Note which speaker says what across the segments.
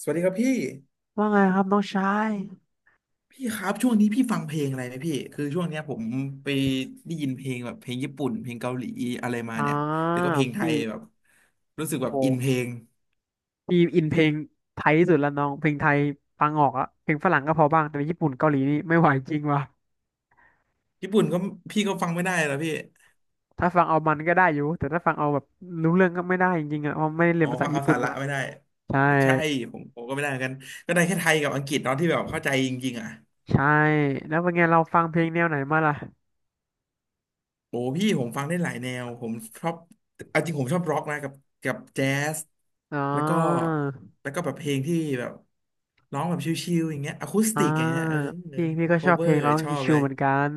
Speaker 1: สวัสดีครับพี่
Speaker 2: ว่าไงครับน้องชาย
Speaker 1: พี่ครับช่วงนี้พี่ฟังเพลงอะไรไหมพี่คือช่วงเนี้ยผมไปได้ยินเพลงแบบเพลงญี่ปุ่นเพลงเกาหลีอะไรมา
Speaker 2: อ่า
Speaker 1: เนี่ยแล้วก็เพลงไท
Speaker 2: พี่
Speaker 1: ยแบบรู้สึก
Speaker 2: โอ้
Speaker 1: แบบ
Speaker 2: โห
Speaker 1: อินเพลง
Speaker 2: พี่อินเพลงไทยที่สุดแล้วน้องเพลงไทยฟังออกอะเพลงฝรั่งก็พอบ้างแต่เป็ญี่ปุ่นเกาหลีนี่ไม่ไหวจริงว่ะ
Speaker 1: ญี่ปุ่นก็พี่ก็ฟังไม่ได้แล้วพี่
Speaker 2: ถ้าฟังเอามันก็ได้อยู่แต่ถ้าฟังเอาแบบรู้เรื่องก็ไม่ได้จริงๆอะเพราะไม่ได้เรีย
Speaker 1: อ๋
Speaker 2: น
Speaker 1: อ
Speaker 2: ภาษา
Speaker 1: ฟัง
Speaker 2: ญี่
Speaker 1: เอา
Speaker 2: ปุ่น
Speaker 1: สาระ
Speaker 2: มา
Speaker 1: ไม่ได้
Speaker 2: ใช่
Speaker 1: ใช่ผมก็ไม่ได้เหมือนกันก็ได้แค่ไทยกับอังกฤษตอนาะที่แบบเข้าใจจริงๆอ่ะ
Speaker 2: ใช่แล้วเป็นไงเราฟังเพลงแนวไหนมาล่ะ
Speaker 1: โอ้พี่ผมฟังได้หลายแนวผมชอบเอาจริงผมชอบร็อกนะกับแจ๊ส
Speaker 2: อ๋อ
Speaker 1: แล้วก็แล้วก็แบบเพลงที่แบบร้องแบบชิลๆอย่างเงี้ยอะคูส
Speaker 2: อ่า
Speaker 1: ติกอย่างเงี้ยเออ
Speaker 2: จริงพี่ก็
Speaker 1: โค
Speaker 2: ชอบ
Speaker 1: เวอ
Speaker 2: เพลง
Speaker 1: ร์
Speaker 2: ร้อง
Speaker 1: ชอบ
Speaker 2: ชิ
Speaker 1: เล
Speaker 2: วๆ
Speaker 1: ย
Speaker 2: เหมือนกัน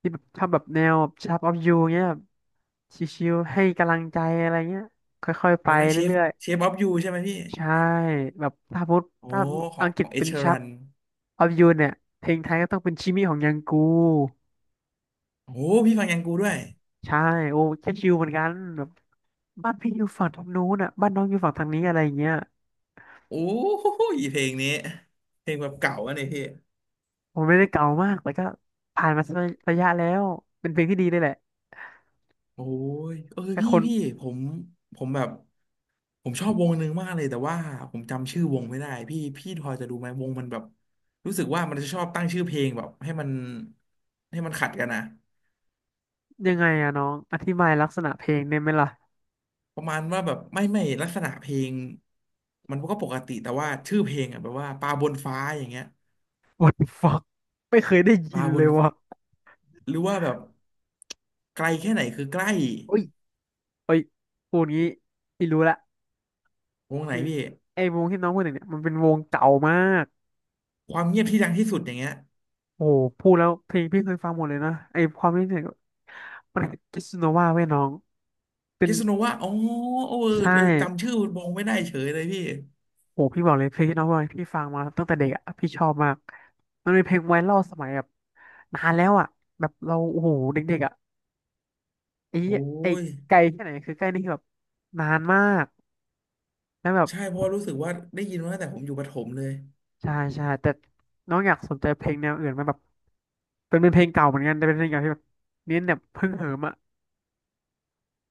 Speaker 2: ที่แบบชอบแบบแนว Shape of You เงี้ยแบบชิวๆให้กำลังใจอะไรเงี้ยค่อยๆ
Speaker 1: อะ
Speaker 2: ไป
Speaker 1: ไรนะเชฟ
Speaker 2: เรื่อย
Speaker 1: เชฟออฟยูใช่ไหมพี่
Speaker 2: ๆใช่แบบถ้าพูด
Speaker 1: โอ้
Speaker 2: ถ้า
Speaker 1: ขอ
Speaker 2: อั
Speaker 1: ง
Speaker 2: งก
Speaker 1: ข
Speaker 2: ฤ
Speaker 1: อ
Speaker 2: ษ
Speaker 1: งเอ
Speaker 2: เป็น
Speaker 1: ชรั
Speaker 2: Shape
Speaker 1: น
Speaker 2: of You เนี่ยเพลงไทยก็ต้องเป็นชิมิของยังกู
Speaker 1: โอ้พี่ฟังยังกูด้วย
Speaker 2: ใช่โอ้แค่ชิวเหมือนกันแบบบ้านพี่อยู่ฝั่งทางนู้นอ่ะบ้านน้องอยู่ฝั่งทางนี้อะไรอย่างเงี้ย
Speaker 1: โอ้ยเพลงนี้เพลงแบบเก่าอะเนี่ยพี่
Speaker 2: ผมไม่ได้เก่ามากแต่ก็ผ่านมาสักระยะแล้วเป็นเพลงที่ดีเลยแหละ
Speaker 1: โอ้ยเออ
Speaker 2: แต่
Speaker 1: พี่
Speaker 2: คน
Speaker 1: พี่ผมผมแบบ ผมชอบวงหนึ่งมากเลยแต่ว่าผมจำชื่อวงไม่ได้พี่พี่พอจะดูไหมวงมันแบบรู้สึกว่ามันจะชอบตั้งชื่อเพลงแบบให้มันขัดกันนะ
Speaker 2: ยังไงอะน้องอธิบายลักษณะเพลงได้ไหมล่ะ
Speaker 1: ประมาณว่าแบบไม่ลักษณะเพลงมันก็ปกติแต่ว่าชื่อเพลงอ่ะแบบว่าปลาบนฟ้าอย่างเงี้ย
Speaker 2: What the fuck ไม่เคยได้
Speaker 1: ป
Speaker 2: ยิ
Speaker 1: ลา
Speaker 2: น
Speaker 1: บ
Speaker 2: เล
Speaker 1: น
Speaker 2: ยว่ะ
Speaker 1: หรือว่าแบบไกลแค่ไหนคือใกล
Speaker 2: โอ้ยโอ้ยพูดงี้พี่รู้ละ
Speaker 1: ้วงไหน
Speaker 2: คือ
Speaker 1: พี่
Speaker 2: ไอ้วงที่น้องพูดถึงเนี่ยมันเป็นวงเก่ามาก
Speaker 1: ความเงียบที่ดังที่สุดอย่างเงี้ย
Speaker 2: โอ้โหพูดแล้วเพลงพี่เคยฟังหมดเลยนะไอ้ความที่เนี่ยมันคิสโนวาเว้ยน้องเป็น
Speaker 1: พิษณุว่าอ๋อเออ
Speaker 2: ใช่
Speaker 1: เออจำชื่อวงไม่ได้เฉยเลยพี่
Speaker 2: โอ้โหพี่บอกเลยเพลงที่น้องบอกให้พี่ฟังมาตั้งแต่เด็กอะพี่ชอบมากมันเป็นเพลงไวรัลสมัยแบบนานแล้วอะแบบเราโอ้โหเด็กๆอะไอ้
Speaker 1: โอ้
Speaker 2: ไอ้
Speaker 1: ย
Speaker 2: ไกลแค่ไหนคือใกล้นี่คือแบบนานมากแล้วแบบ
Speaker 1: ใช่เพราะ่รู้สึกว่าได้ยินมาตั้งแต่ผมอยู่ประถมเลย
Speaker 2: ใช่ใช่แต่น้องอยากสนใจเพลงแนวอื่นไหมแบบเป็นเพลงเก่าเหมือนกันแต่เป็นเพลงเก่าที่แบบเน้นแบบฮึ่งเหิมอ่ะ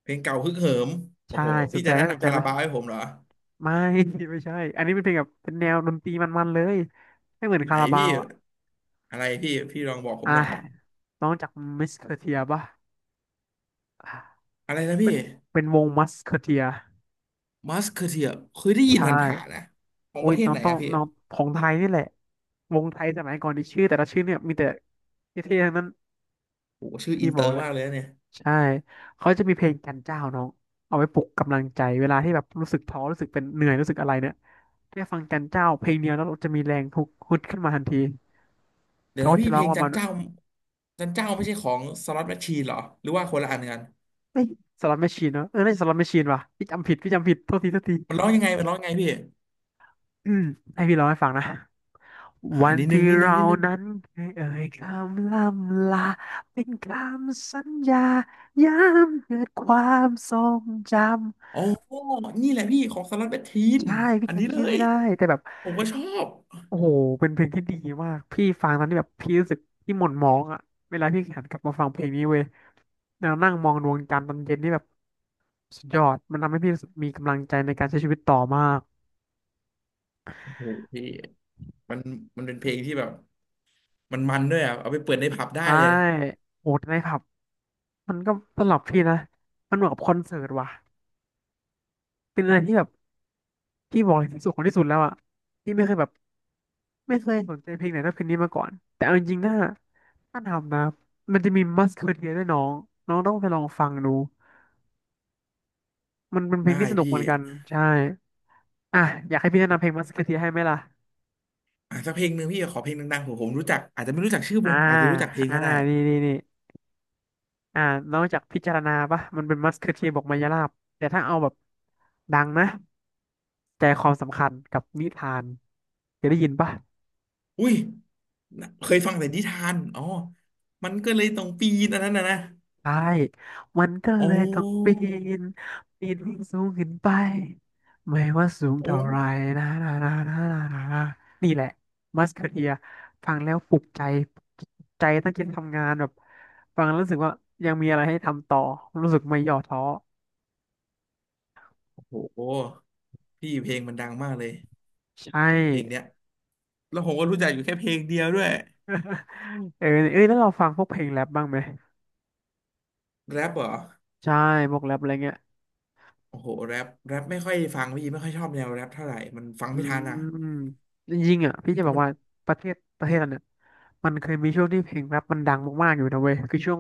Speaker 1: เพลงเก่าฮึกเหิมโอ้
Speaker 2: ใช่
Speaker 1: โห
Speaker 2: ส
Speaker 1: พี่
Speaker 2: นใจ
Speaker 1: จะ
Speaker 2: ไห
Speaker 1: แนะ
Speaker 2: มสน
Speaker 1: นำ
Speaker 2: ใจ
Speaker 1: คา
Speaker 2: ไหม
Speaker 1: ราบาวให้ผมเหรอ
Speaker 2: ไม่ ไม่ใช่อันนี้เป็นเพลงแบบเป็นแนวดนตรีมันๆเลยไม่เหมือน
Speaker 1: ไหน
Speaker 2: คาราบา
Speaker 1: พี่
Speaker 2: วอ่ะ
Speaker 1: อะไรพี่พี่ลองบอกผ
Speaker 2: อ่ะ
Speaker 1: มหน่อย
Speaker 2: น้องจากมิสเคอร์เทียป่ะอ่ะ
Speaker 1: อะไรนะ
Speaker 2: เป็
Speaker 1: พี่
Speaker 2: นเป็นวงมัสเคอร์เทีย
Speaker 1: มัสเคอเทียเคยได้ยิน
Speaker 2: ใช่
Speaker 1: ผ่านๆนะของ
Speaker 2: โอ้
Speaker 1: ป
Speaker 2: ย
Speaker 1: ระเทศไหนอะพี่
Speaker 2: น้องของไทยนี่แหละวงไทยสมัยก่อนที่ชื่อแต่ละชื่อเนี่ยมีแต่เท่ๆทั้งนั้น
Speaker 1: โอ้โหชื่อ
Speaker 2: พี่
Speaker 1: อินเต
Speaker 2: บ
Speaker 1: อ
Speaker 2: อก
Speaker 1: ร์
Speaker 2: เลย
Speaker 1: มากเลยนะเนี่ย
Speaker 2: ใช่เขาจะมีเพลงจันเจ้าน้องเอาไว้ปลุกกำลังใจเวลาที่แบบรู้สึกท้อรู้สึกเป็นเหนื่อยรู้สึกอะไรเนี่ยแค่ฟังจันเจ้าเพลงเดียวแล้วเราจะมีแรงฮึกฮึดขึ้นมาทันที
Speaker 1: เดี๋ยว
Speaker 2: เขา
Speaker 1: นะ
Speaker 2: ก็
Speaker 1: พี่
Speaker 2: จะร้
Speaker 1: เพ
Speaker 2: อ
Speaker 1: ล
Speaker 2: ง
Speaker 1: ง
Speaker 2: ประ
Speaker 1: จั
Speaker 2: มา
Speaker 1: น
Speaker 2: ณว่ามัน
Speaker 1: เจ้าจันเจ้าไม่ใช่ของสล็อตแมชชีนเหรอหรือว่าคนละอันกัน
Speaker 2: เอ้ยสลัมแมชชีนเนาะเออไม่่สลัมแมชชีนว่ะพี่จำผิดพี่จำผิดโทษทีโทษที
Speaker 1: มันร้องยังไงมันร้องยังไงพี่
Speaker 2: อืมให้พี่ร้องให้ฟังนะ
Speaker 1: อ่า
Speaker 2: วัน
Speaker 1: นิดนึ
Speaker 2: ที่
Speaker 1: งนิดนึง
Speaker 2: เรา
Speaker 1: นิดนึง
Speaker 2: นั้นเคยเอ่ยคำล่ำลาเป็นคำสัญญาย้ำเกิดความทรงจำ
Speaker 1: อ๋อนี่แหละพี่ของสล็อตแมชชีน
Speaker 2: ใช่พี่
Speaker 1: อันนี้
Speaker 2: จำ
Speaker 1: เล
Speaker 2: ชื่อ
Speaker 1: ย
Speaker 2: ไม่ได้แต่แบบ
Speaker 1: ผมก็ชอบ
Speaker 2: โอ้โห เป็นเพลงที่ดีมาก พี่ฟังตอนที่แบบพี่รู้สึกพี่หม่นหมองอ่ะเวลาพี่หันกลับมาฟังเพลงนี้เว้ยแล้วนั่งมองดวงจันทร์ตอนเย็นนี่แบบสุดยอด มันทำให้พี่รู้สึกมีกำลังใจในการใช้ชีวิตต่อมาก
Speaker 1: โอ้โหพี่ มันเป็นเพลงที่แบบมันด้วยอ่ะเอาไปเปิดในผับได้
Speaker 2: ใช่
Speaker 1: เลย
Speaker 2: โหดใครับมันก็สำหรับพี่นะ มันเหมือนกับคอนเสิร์ตว่ะเป็นอะไรที่แบบพี่บอกเลยที่สุดของที่สุดแล้วอ่ะพี่ไม่เคยแบบไม่เคยสนใจเพลงไหนเท่าเพลงนี้มาก่อนแต่เอาจริงๆนะถ้าทำนะมันจะมีมัสเคอเทียด้วยน้องน้องต้องไปลองฟังดูมันเป็นเพล
Speaker 1: ได้
Speaker 2: งที่สนุก
Speaker 1: พี่
Speaker 2: เหมือนกันใช่ อ่ะอยากให้พี่แนะนำเพลงมัสคาเทียให้ไหมล่ะ
Speaker 1: อ่ะสักเพลงหนึ่งพี่ขอเพลงดังๆผมรู้จักอาจจะไม่รู้จักชื่อว
Speaker 2: อ่า
Speaker 1: งอาจจะรู้จักเพลง
Speaker 2: อ่า
Speaker 1: ก็ได้
Speaker 2: นี่นี่นี่อ่านอกจากพิจารณาปะมันเป็นมัสคาเทียบอกมายาลาบแต่ถ้าเอาแบบดังนะใจความสำคัญกับนิทานเคยได้ยินปะ
Speaker 1: อุ้ยน่ะเคยฟังแต่นิทานอ๋อมันก็เลยต้องปีนอันนั้นนะนะ
Speaker 2: ใช่มันก็เล
Speaker 1: โอ้
Speaker 2: ยต้องปีนปีนให้สูงขึ้นไปไม่ว่าสูง
Speaker 1: โอ้
Speaker 2: เท่าไรนะนะนะนะนะนะนะนี่แหละมัสคาเทียฟังแล้วปลุกใจปลุกใจตั้งใจทำงานแบบฟังแล้วรู้สึกว่ายังมีอะไรให้ทำต่อรู้สึกไม่ย่อท้อ
Speaker 1: โอ้โหพี่เพลงมันดังมากเลย
Speaker 2: ใช่
Speaker 1: เพลงเนี้ยแล้วผมก็รู้จักอยู่แค่เพลงเดียวด้วย
Speaker 2: เออเอ้ยแล้วเราฟังพวกเพลงแรปบ้างไหม
Speaker 1: แรปเหรอ
Speaker 2: ใช่พวกแรปอะไรเงี้ย
Speaker 1: โอ้โหแรปแรปไม่ค่อยฟังพี่ไม่ค่อยชอบแนวแรปเท่าไหร่มันฟัง
Speaker 2: อื
Speaker 1: ไม่ทันอ่ะ
Speaker 2: มจริงๆอ่ะพี่จะ
Speaker 1: แต่
Speaker 2: บอก
Speaker 1: มัน
Speaker 2: ว่าประเทศเราเนี่ยมันเคยมีช่วงที่เพลงแรปมันดังมากๆอยู่นะเว้ยคือช่วง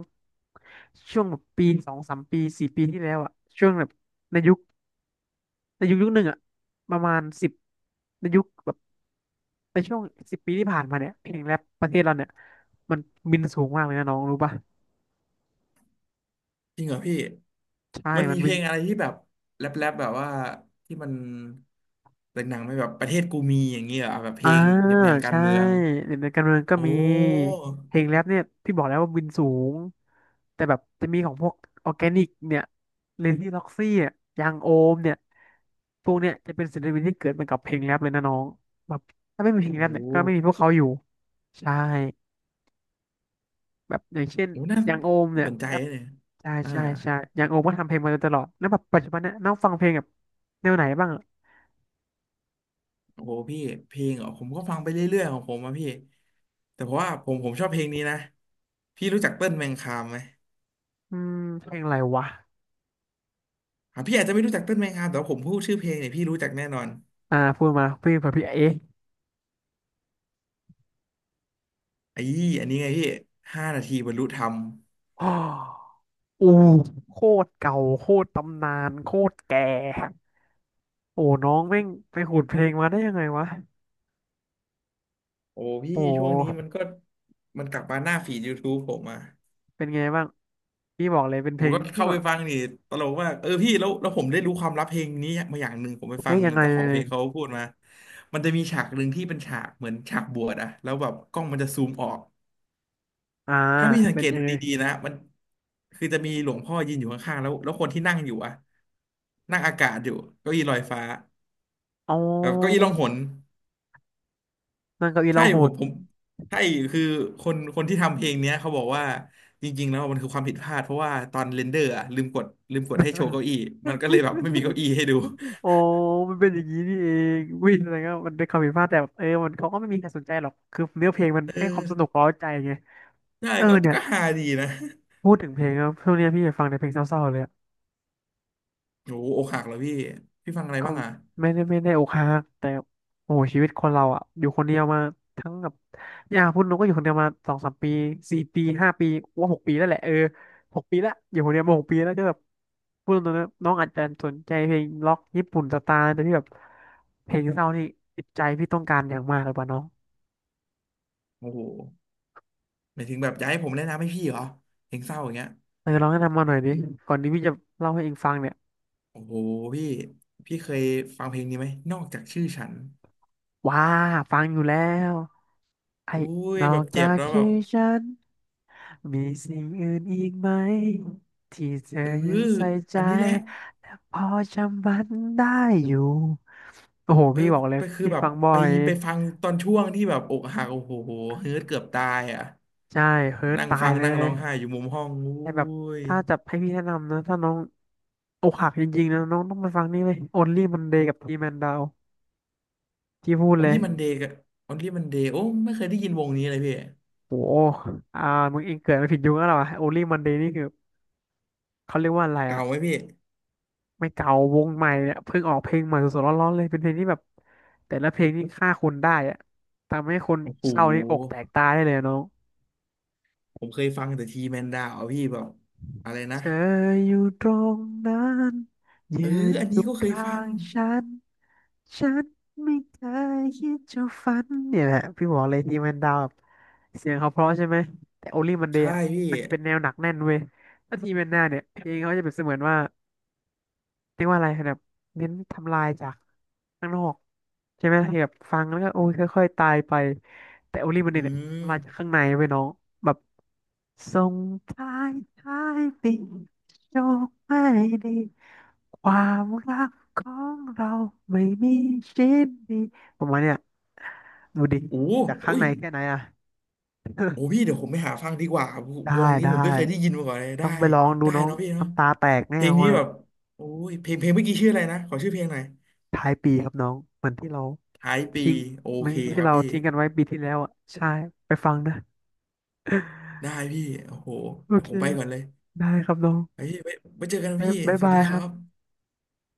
Speaker 2: แบบปีสองสามปีสี่ปีที่แล้วอ่ะช่วงแบบในยุคในยุคยุคหนึ่งอ่ะประมาณสิบในยุคแบบในช่วง10 ปีที่ผ่านมาเนี่ยเพลงแรปประเทศเราเนี่ยมันบินสูงมากเลยนะน้องรู้ป่ะ
Speaker 1: จริงเหรอพี่
Speaker 2: ใช่
Speaker 1: มัน
Speaker 2: มั
Speaker 1: มี
Speaker 2: น
Speaker 1: เพ
Speaker 2: บิ
Speaker 1: ล
Speaker 2: น
Speaker 1: งอะไรที่แบบแรปแรปแบบว่าที่มันเป็นหนังไหมแบบประเทศกูมีอย่างเงี้ยเหรออ่ะแบบเพ
Speaker 2: อ่า
Speaker 1: ลงแนบแนมการ
Speaker 2: ใช่
Speaker 1: เมือง
Speaker 2: เด็กในการเมืองก็
Speaker 1: โอ้
Speaker 2: มีเพลงแรปเนี่ยพี่บอกแล้วว่าบินสูงแต่แบบจะมีของพวกออร์แกนิกเนี่ยเรนนี่ล็อกซี่อะยางโอมเนี่ยพวกเนี่ยจะเป็นศิลปินที่เกิดมากับเพลงแรปเลยนะน้องแบบถ้าไม่มีเพลง
Speaker 1: โ
Speaker 2: แรปเนี่ยก็ไม่
Speaker 1: ห
Speaker 2: มีพวกเขาอยู่ใช่แบบอย่างเช่น
Speaker 1: โอ้น่า
Speaker 2: อยางโอม
Speaker 1: น่า
Speaker 2: เนี่ย
Speaker 1: สนใจ
Speaker 2: ก็
Speaker 1: เลย
Speaker 2: ใช่
Speaker 1: อ่า
Speaker 2: ใช่ใช่อยางโอมก็ทำเพลงมาโดยตลอดแล้วแบบปัจจุบันเนี่ยน้องฟังเพลงแบบแนวไหนบ้างอะ
Speaker 1: โอ้โหพี่เพลงเหรอผมก็ฟังไปเรื่อยๆของผมอะพี่แต่เพราะว่าผมชอบเพลงนี้นะพี่รู้จักเติ้ลแมงคามไหม
Speaker 2: อืมเพลงอะไรวะ
Speaker 1: อ่ะพี่อาจจะไม่รู้จักเติ้ลแมงคามแต่ว่าผมพูดชื่อเพลงเนี่ยพี่รู้จักแน่นอน
Speaker 2: พูดมาพี่เผื่อพี่เอ๊ะ
Speaker 1: ไอ้อันนี้ไงพี่ห้านาทีบรรลุธรรม
Speaker 2: อ๋อ อู้โคตรเก่าโคตรตำนานโคตรแก่โอ้น้องแม่งไปขูดเพลงมาได้ยังไงวะ
Speaker 1: โอ้พี่
Speaker 2: โอ
Speaker 1: ช่วงนี้
Speaker 2: ้
Speaker 1: มันก็มันกลับมาหน้าฟีด YouTube ผมอ่ะ
Speaker 2: เป็นไงบ้างพี่บอกเลยเป็น
Speaker 1: ผ
Speaker 2: เพ
Speaker 1: ม
Speaker 2: ลง
Speaker 1: ก็
Speaker 2: ที่
Speaker 1: เข้า
Speaker 2: บอ
Speaker 1: ไป
Speaker 2: ก
Speaker 1: ฟังนี่ตลกมากเออพี่แล้วผมได้รู้ความลับเพลงนี้มาอย่างหนึ่งผมไปฟั
Speaker 2: เฮ้ย
Speaker 1: ง
Speaker 2: ยังไง
Speaker 1: เจ้าข
Speaker 2: เล
Speaker 1: องเพ
Speaker 2: ย
Speaker 1: ลงเขาพูดมามันจะมีฉากหนึ่งที่เป็นฉากเหมือนฉากบวชอะแล้วแบบกล้องมันจะซูมออก
Speaker 2: อ่า
Speaker 1: ถ้าพี่สัง
Speaker 2: เป็
Speaker 1: เก
Speaker 2: น
Speaker 1: ต
Speaker 2: ยั
Speaker 1: ดู
Speaker 2: งไง
Speaker 1: ดีๆนะมันคือจะมีหลวงพ่อยืนอยู่ข้างๆแล้วคนที่นั่งอยู่อะนั่งอากาศอยู่เก้าอี้ลอยฟ้า
Speaker 2: อ๋
Speaker 1: แบบเก้าอี้
Speaker 2: อ
Speaker 1: ล่องหน
Speaker 2: นั่งเก้าอี้ร้
Speaker 1: ใช่
Speaker 2: องโหด
Speaker 1: ผมใช่คือคนที่ทำเพลงเนี้ยเขาบอกว่าจริงๆแล้วมันคือความผิดพลาดเพราะว่าตอนเรนเดอร์อะลืมกดให้โชว์เก้าอี้มันก็เลยแบบไม่มี เก้าอี้ให้ดู
Speaker 2: โอ้มันเป็นอย่างนี้นี่เองวิ่งอะไรก็มันเป็นความผิดพลาดแต่แบบเออมันเขาก็ไม่มีใครสนใจหรอกคือเนื้อเพลงมัน
Speaker 1: เอ
Speaker 2: ให้ความสนุก
Speaker 1: อ
Speaker 2: เร้าใจไง
Speaker 1: ใช่
Speaker 2: เออ
Speaker 1: ก็
Speaker 2: เนี่ย
Speaker 1: ฮาดีนะ
Speaker 2: พูดถึงเพลงแล้วช่วงเนี้ยพี่ฟังแต่เพลงเศร้าๆเลย
Speaker 1: โอ้โหอกหักเหรอพี่พี่ฟังอะไร
Speaker 2: ก็
Speaker 1: บ้างอ่ะ
Speaker 2: ไม่ได้อกหักแต่โอ้โหชีวิตคนเราอ่ะอยู่คนเดียวมาทั้งแบบอย่าพูดหนูก็อยู่คนเดียวมาสองสามปีสี่ปีห้าปีว่าหกปีแล้วแหละเออหกปีละอยู่คนเดียวมาหกปีแล้วก็แบบพูดตรงๆนะน้องอาจจะสนใจเพลงล็อกญี่ปุ่นสไตล์แต่ที่แบบเพลงเศร้านี่ติดใจพี่ต้องการอย่างมากเลยป่ะน้อง
Speaker 1: โอ้โหหมายถึงแบบอยากให้ผมแนะนำให้พี่เหรอเพลงเศร้าอย่างเงี้ย
Speaker 2: เออลองแนะนำมาหน่อยดิก่อนที่พี่จะเล่าให้เองฟังเนี่ย
Speaker 1: โอ้โหพี่พี่เคยฟังเพลงนี้ไหมนอกจากชื่อฉัน
Speaker 2: ว้าฟังอยู่แล้ว ไอ้
Speaker 1: โอ้ย
Speaker 2: นอ
Speaker 1: แบ
Speaker 2: ก
Speaker 1: บเจ็
Speaker 2: จา
Speaker 1: บ
Speaker 2: ก
Speaker 1: แล้วแบ
Speaker 2: ชื่อ
Speaker 1: บ
Speaker 2: ฉันมีสิ่งอื่นอีกไหมที่เธอ
Speaker 1: เออ
Speaker 2: ยังใส่ใจ
Speaker 1: อันนี้แหละ
Speaker 2: และพอจำมันได้อยู่โอ้โห
Speaker 1: เออ
Speaker 2: พี่บอกเลย
Speaker 1: ไปคือ
Speaker 2: พี่
Speaker 1: แบบ
Speaker 2: ฟังบ่อ
Speaker 1: ไป
Speaker 2: ย
Speaker 1: ฟังตอนช่วงที่แบบอกหักโอ้โหเฮิร์ตเกือบตายอ่ะ
Speaker 2: ใช่เฮิร์ต
Speaker 1: นั่ง
Speaker 2: ตา
Speaker 1: ฟั
Speaker 2: ย
Speaker 1: ง
Speaker 2: เล
Speaker 1: นั่ง
Speaker 2: ย
Speaker 1: ร้องไห้อยู่มุมห้องอุ้
Speaker 2: แต่แบบ
Speaker 1: ย
Speaker 2: ถ้าจะให้พี่แนะนำนะถ้าน้องอกหักจริงๆนะน้องต้องไปฟังนี่เลย Only Monday กับ T Man Down ที่พูด
Speaker 1: ออ
Speaker 2: เล
Speaker 1: ล
Speaker 2: ย
Speaker 1: ลี่มันเดกับอี่มันเดโอ้ไม่เคยได้ยินวงนี้เลยพี่
Speaker 2: โอ้โหอ่ามึงเองเกิดมาผิดยุคแล้วเหรอวะ Only Monday นี่คือเขาเรียกว่าอะไร
Speaker 1: เก่า
Speaker 2: อะ
Speaker 1: ไหมพี่
Speaker 2: ไม่เก่าวงใหม่เนี่ยเพิ่งออกเพลงใหม่สดๆร้อนๆเลยเป็นเพลงที่แบบแต่ละเพลงนี่ฆ่าคนได้อะทำให้คน
Speaker 1: โอ้โห
Speaker 2: เศร้านี่อกแตกตายได้เลยอะน้อง
Speaker 1: ผมเคยฟังแต่ทีแมนดาวพี่แบบอะไร
Speaker 2: เธ
Speaker 1: นะ
Speaker 2: ออยู่ตรงนั้นยื
Speaker 1: เออ
Speaker 2: น
Speaker 1: อัน
Speaker 2: อ
Speaker 1: นี้
Speaker 2: ยู่
Speaker 1: ก็เคย
Speaker 2: ข้า
Speaker 1: ฟัง
Speaker 2: งฉันฉันไม่เคยคิดจะฝันเนี่ยแหละพี่บอกเลยที่มันดาวแบบเสียงเขาเพราะใช่ไหมแต่ o อลี่มันเดย
Speaker 1: ใช่
Speaker 2: อะ
Speaker 1: พี่
Speaker 2: มันจะเป็นแนวหนักแน่นเว้ยแล้วทีแมนหน้าเนี่ยเพลงเขาจะเป็นเสมือนว่า เรียกว่าอะไรแบบเน้นทำลายจากข้างนอกใช่ไหมที่แบบฟังแล้วก็โอ้ยค่อยๆตายไปแต่โอลิมัน
Speaker 1: อื
Speaker 2: เนี่ย
Speaker 1: ม
Speaker 2: ทำลายจากข้างในไปน้องแบบส่งท้ายท้ายปีโชคไม่ดีความรักของเราไม่มีชิ้นดีผมว่าเนี่ยดูดิ
Speaker 1: โอ้โห
Speaker 2: จากข้าง
Speaker 1: อุ้ย
Speaker 2: ในแค่ไหนอะ
Speaker 1: โอ้พี่ เดี๋ยวผมไปหาฟังดีกว่า
Speaker 2: ได้
Speaker 1: วงนี้
Speaker 2: ได้
Speaker 1: ผมไม่เคยได้ยินมาก่อนเลย
Speaker 2: ต้
Speaker 1: ได้
Speaker 2: องไปลองดู
Speaker 1: ได้
Speaker 2: น้อง
Speaker 1: เนาะพี่เนาะ
Speaker 2: น้ำตาแตกแน่
Speaker 1: เพล
Speaker 2: น
Speaker 1: ง
Speaker 2: อน
Speaker 1: นี้แบ
Speaker 2: อะ
Speaker 1: บโอ้ยเพลงเมื่อกี้ชื่ออะไรนะขอชื่อเพลงหน่อย
Speaker 2: ท้ายปีครับน้องเหมือนที่เรา
Speaker 1: ท้ายปี
Speaker 2: ทิ้ง
Speaker 1: โอ
Speaker 2: เหมัน
Speaker 1: เคค
Speaker 2: ที่
Speaker 1: รับ
Speaker 2: เรา
Speaker 1: พี่
Speaker 2: ทิ้งกันไว้ปีที่แล้วอ่ะใช่ไปฟังนะ
Speaker 1: ได้ พี่โอ้โห
Speaker 2: โอ
Speaker 1: เดี๋ยว
Speaker 2: เค
Speaker 1: ผมไป
Speaker 2: ครับ
Speaker 1: ก่อนเลย
Speaker 2: ได้ครับน้อง
Speaker 1: ไปพี่ไว้เจอกันนะ
Speaker 2: บ๊าย
Speaker 1: พี่
Speaker 2: บ๊าย
Speaker 1: สวัส
Speaker 2: บาย
Speaker 1: ดีค
Speaker 2: ครั
Speaker 1: รับ
Speaker 2: บ